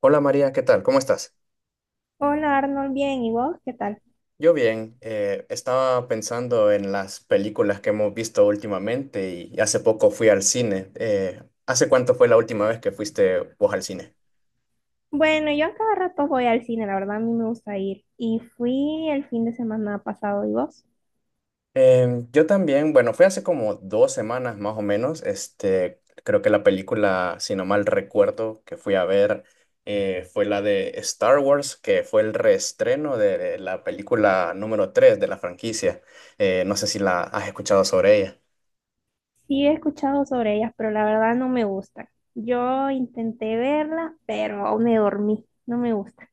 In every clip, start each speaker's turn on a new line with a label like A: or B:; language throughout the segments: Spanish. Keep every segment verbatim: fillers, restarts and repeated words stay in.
A: Hola María, ¿qué tal? ¿Cómo estás?
B: Hola Arnold, bien, ¿y vos qué tal?
A: Yo bien, eh, estaba pensando en las películas que hemos visto últimamente y hace poco fui al cine. Eh, ¿hace cuánto fue la última vez que fuiste vos al cine?
B: Bueno, yo a cada rato voy al cine, la verdad a mí me gusta ir. Y fui el fin de semana pasado, ¿y vos?
A: Em, yo también, bueno, fue hace como dos semanas más o menos. Este, creo que la película, si no mal recuerdo, que fui a ver eh, fue la de Star Wars, que fue el reestreno de la película número tres de la franquicia. Eh, no sé si la has escuchado sobre ella.
B: Sí he escuchado sobre ellas, pero la verdad no me gustan. Yo intenté verlas, pero me dormí, no me gusta.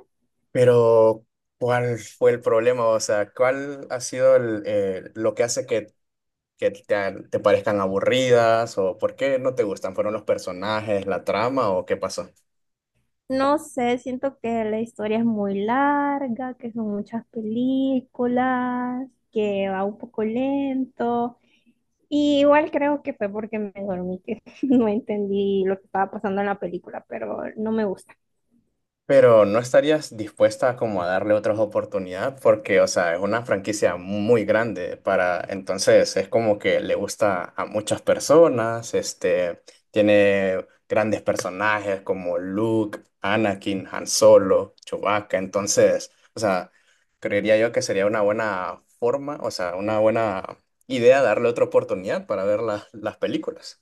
A: Pero ¿cuál fue el problema? O sea, ¿cuál ha sido el, eh, lo que hace que, que te, te parezcan aburridas? ¿O por qué no te gustan? ¿Fueron los personajes, la trama o qué pasó?
B: No sé, siento que la historia es muy larga, que son muchas películas, que va un poco lento. Y igual creo que fue porque me dormí, que no entendí lo que estaba pasando en la película, pero no me gusta.
A: Pero ¿no estarías dispuesta como a darle otra oportunidad? Porque, o sea, es una franquicia muy grande para, entonces es como que le gusta a muchas personas, este, tiene grandes personajes como Luke, Anakin, Han Solo, Chewbacca, entonces, o sea, creería yo que sería una buena forma, o sea, una buena idea darle otra oportunidad para ver las las películas.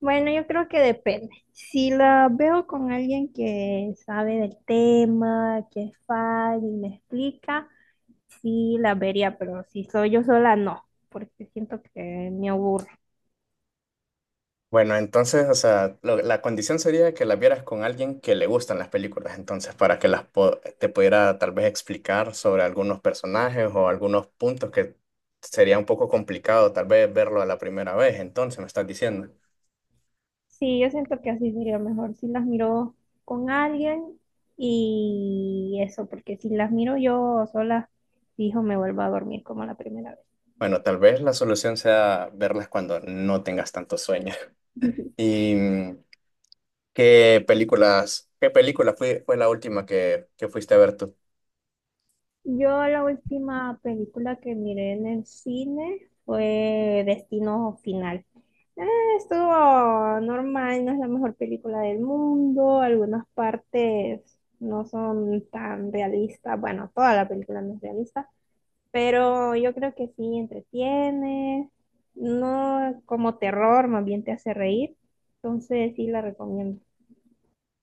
B: Bueno, yo creo que depende. Si la veo con alguien que sabe del tema, que es fan y me explica, sí la vería, pero si soy yo sola, no, porque siento que me aburro.
A: Bueno, entonces, o sea, lo- la condición sería que las vieras con alguien que le gustan las películas, entonces, para que las po- te pudiera tal vez explicar sobre algunos personajes o algunos puntos que sería un poco complicado tal vez verlo a la primera vez, entonces me estás diciendo.
B: Sí, yo siento que así sería mejor si las miro con alguien y eso, porque si las miro yo sola, fijo, me vuelvo a dormir como la primera
A: Bueno, tal vez la solución sea verlas cuando no tengas tanto sueño.
B: vez.
A: ¿Y mm, qué películas, qué película fue, fue la última que, que fuiste a ver tú?
B: Yo la última película que miré en el cine fue Destino Final. Eh, Estuvo normal, no es la mejor película del mundo, algunas partes no son tan realistas, bueno, toda la película no es realista, pero yo creo que sí entretiene, no como terror, más bien te hace reír, entonces sí la recomiendo.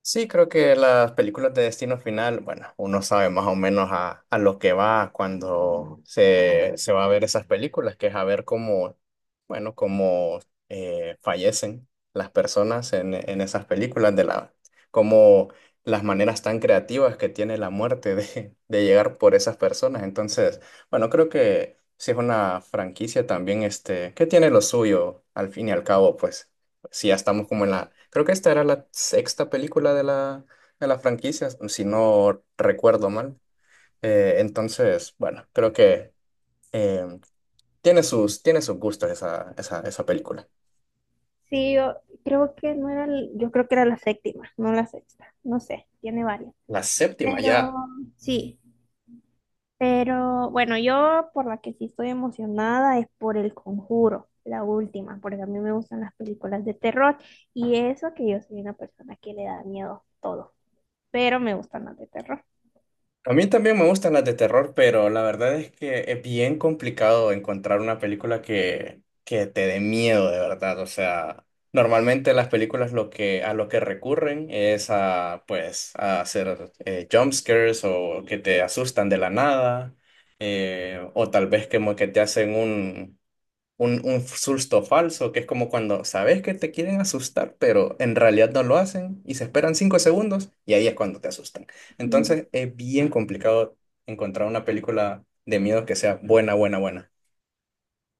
A: Sí, creo que las películas de Destino Final, bueno, uno sabe más o menos a, a lo que va cuando se, se va a ver esas películas, que es a ver cómo, bueno, cómo eh, fallecen las personas en, en esas películas, de la, cómo las maneras tan creativas que tiene la muerte de, de llegar por esas personas. Entonces, bueno, creo que sí es una franquicia también, este, que tiene lo suyo, al fin y al cabo, pues si ya estamos como en la, creo que esta era la sexta película de la, de la franquicia, si no recuerdo mal. Eh, entonces, bueno, creo que eh, tiene sus, tiene sus gustos esa, esa, esa película.
B: Sí, yo creo que no era, el- yo creo que era la séptima, no la sexta, no sé, tiene varias.
A: La séptima
B: Pero,
A: ya.
B: sí, pero bueno, yo por la que sí estoy emocionada es por El Conjuro, la última, porque a mí me gustan las películas de terror y eso que yo soy una persona que le da miedo todo, pero me gustan las de terror.
A: A mí también me gustan las de terror, pero la verdad es que es bien complicado encontrar una película que, que te dé miedo de verdad. O sea, normalmente las películas lo que, a lo que recurren es a, pues, a hacer eh, jump scares o que te asustan de la nada, eh, o tal vez como que te hacen un, un, un susto falso, que es como cuando sabes que te quieren asustar, pero en realidad no lo hacen y se esperan cinco segundos y ahí es cuando te asustan. Entonces es bien complicado encontrar una película de miedo que sea buena, buena, buena.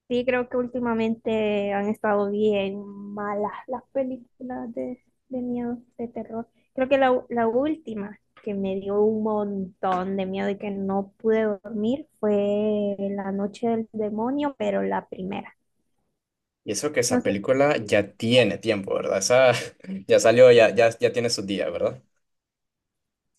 B: Sí, creo que últimamente han estado bien malas las películas de, de miedo, de terror. Creo que la, la última que me dio un montón de miedo y que no pude dormir fue La Noche del Demonio, pero la primera.
A: Y eso que
B: No
A: esa
B: sé
A: película ya tiene tiempo, ¿verdad? Esa ya salió, ya, ya, ya tiene sus días, ¿verdad?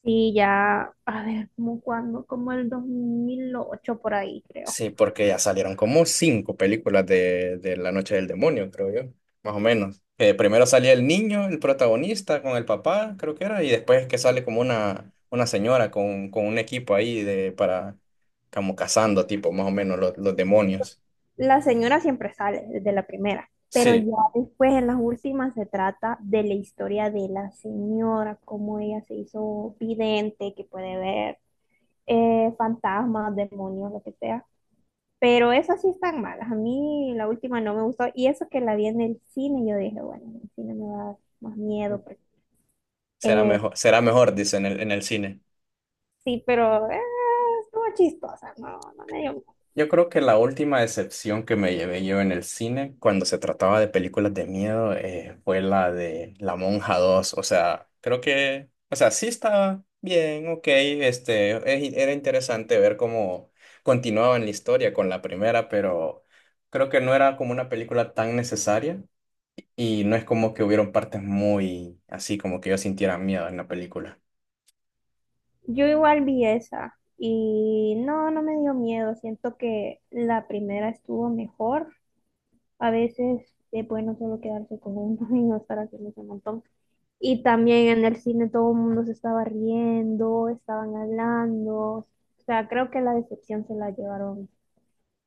B: si ya, a ver, como cuando, como el dos mil ocho por ahí, creo.
A: Sí, porque ya salieron como cinco películas de, de La Noche del Demonio, creo yo, más o menos. Eh, primero salía el niño, el protagonista, con el papá, creo que era, y después es que sale como una, una señora con, con un equipo ahí de, para, como cazando, tipo, más o menos, los, los demonios.
B: La señora siempre sale desde la primera, pero
A: Sí,
B: ya después en las últimas se trata de la historia de la señora, cómo ella se hizo vidente, que puede ver eh, fantasmas, demonios, lo que sea. Pero esas sí están malas. A mí la última no me gustó y eso que la vi en el cine, yo dije, bueno, en el cine me va a dar más miedo. porque-
A: será
B: eh,
A: mejor, será mejor, dice en el, en el cine.
B: sí, pero eh, estuvo chistosa, no, no me dio miedo.
A: Yo creo que la última decepción que me llevé yo en el cine cuando se trataba de películas de miedo eh, fue la de La Monja dos. O sea, creo que, o sea, sí está bien, ok, este, e- era interesante ver cómo continuaban la historia con la primera, pero creo que no era como una película tan necesaria y no es como que hubieron partes muy así como que yo sintiera miedo en la película.
B: Yo igual vi esa y no, no me dio miedo. Siento que la primera estuvo mejor. A veces es bueno solo quedarse con uno y no estar haciendo ese montón. Y también en el cine todo el mundo se estaba riendo, estaban hablando. O sea, creo que la decepción se la llevaron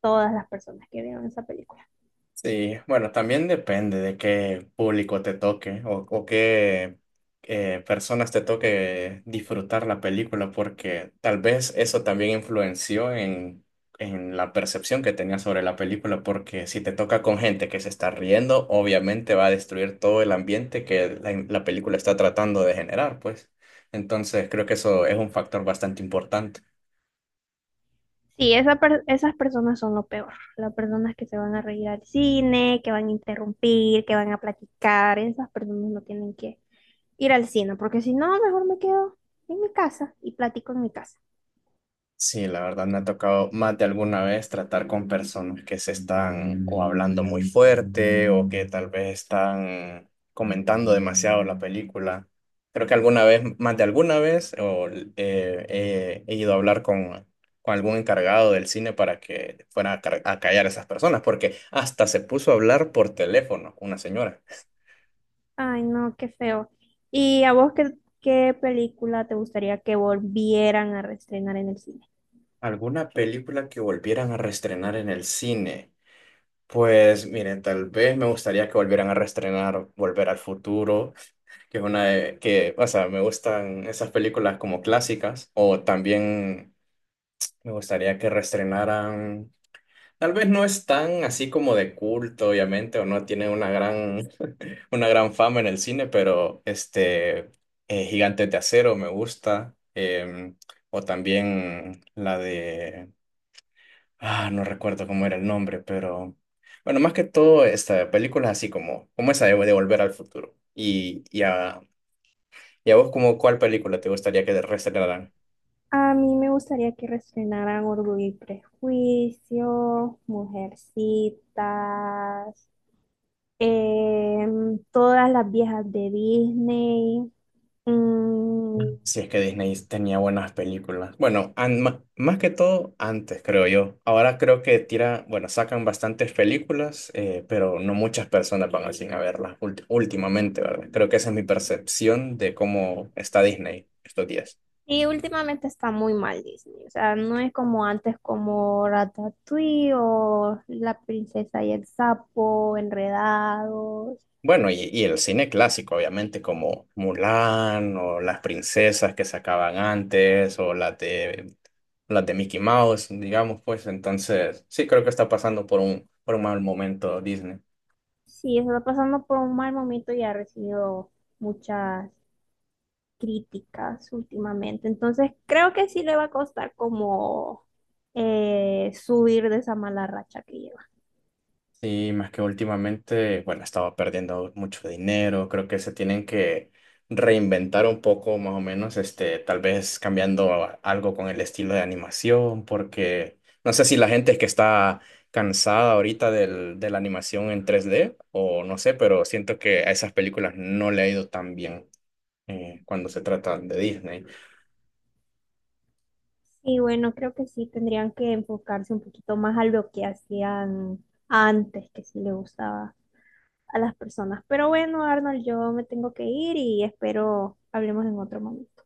B: todas las personas que vieron esa película.
A: Sí, bueno, también depende de qué público te toque o, o qué eh, personas te toque disfrutar la película, porque tal vez eso también influenció en, en la percepción que tenías sobre la película, porque si te toca con gente que se está riendo, obviamente va a destruir todo el ambiente que la, la película está tratando de generar, pues. Entonces, creo que eso es un factor bastante importante.
B: Sí, esa per- esas personas son lo peor. Las personas que se van a reír al cine, que van a interrumpir, que van a platicar, esas personas no tienen que ir al cine, porque si no, mejor me quedo en mi casa y platico en mi casa.
A: Sí, la verdad me ha tocado más de alguna vez tratar con personas que se están o hablando muy fuerte o que tal vez están comentando demasiado la película. Creo que alguna vez, más de alguna vez, o, eh, eh, he ido a hablar con, con algún encargado del cine para que fuera a, ca- a callar a esas personas, porque hasta se puso a hablar por teléfono una señora.
B: Ay, no, qué feo. ¿Y a vos qué, qué película te gustaría que volvieran a reestrenar en el cine?
A: ¿Alguna película que volvieran a reestrenar en el cine? Pues miren, tal vez me gustaría que volvieran a reestrenar Volver al Futuro, que es una de, que, o sea, me gustan esas películas como clásicas, o también me gustaría que reestrenaran, tal vez no es tan así como de culto, obviamente, o no tiene una gran, una gran fama en el cine, pero este, eh, Gigantes de Acero me gusta, em, o también la de Ah, no recuerdo cómo era el nombre, pero bueno, más que todo, esta película es así como, como esa de, de Volver al Futuro. Y, y, a, y a vos, como, ¿cuál película te gustaría que te reestrenaran?
B: A mí me gustaría que reestrenaran Orgullo y Prejuicio, Mujercitas, em, todas las viejas de Disney. Mm,
A: Si es que Disney tenía buenas películas. Bueno, an- ma- más que todo antes, creo yo. Ahora creo que tira, bueno, sacan bastantes películas, eh, pero no muchas personas van al cine a verlas ult- últimamente, ¿verdad? Creo que esa es mi percepción de cómo está Disney estos días.
B: y últimamente está muy mal Disney, o sea, no es como antes como Ratatouille o La princesa y el sapo, Enredados.
A: Bueno, y, y el cine clásico, obviamente, como Mulan o las princesas que sacaban antes o las de, las de Mickey Mouse, digamos, pues entonces sí creo que está pasando por un, por un mal momento Disney.
B: Sí, está pasando por un mal momento y ha recibido muchas críticas últimamente. Entonces creo que sí le va a costar como eh, subir de esa mala racha que lleva.
A: Sí, más que últimamente, bueno, estaba perdiendo mucho dinero, creo que se tienen que reinventar un poco más o menos, este, tal vez cambiando a- algo con el estilo de animación, porque no sé si la gente es que está cansada ahorita del, de la animación en tres d o no sé, pero siento que a esas películas no le ha ido tan bien eh, cuando se trata de Disney.
B: Y bueno, creo que sí tendrían que enfocarse un poquito más a lo que hacían antes, que sí le gustaba a las personas. Pero bueno, Arnold, yo me tengo que ir y espero hablemos en otro momento.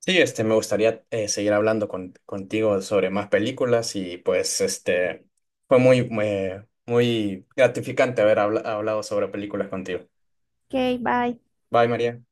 A: Sí, este, me gustaría eh, seguir hablando con- contigo sobre más películas y pues este fue muy, muy, muy gratificante haber habla- hablado sobre películas contigo.
B: Ok, bye.
A: Bye, María.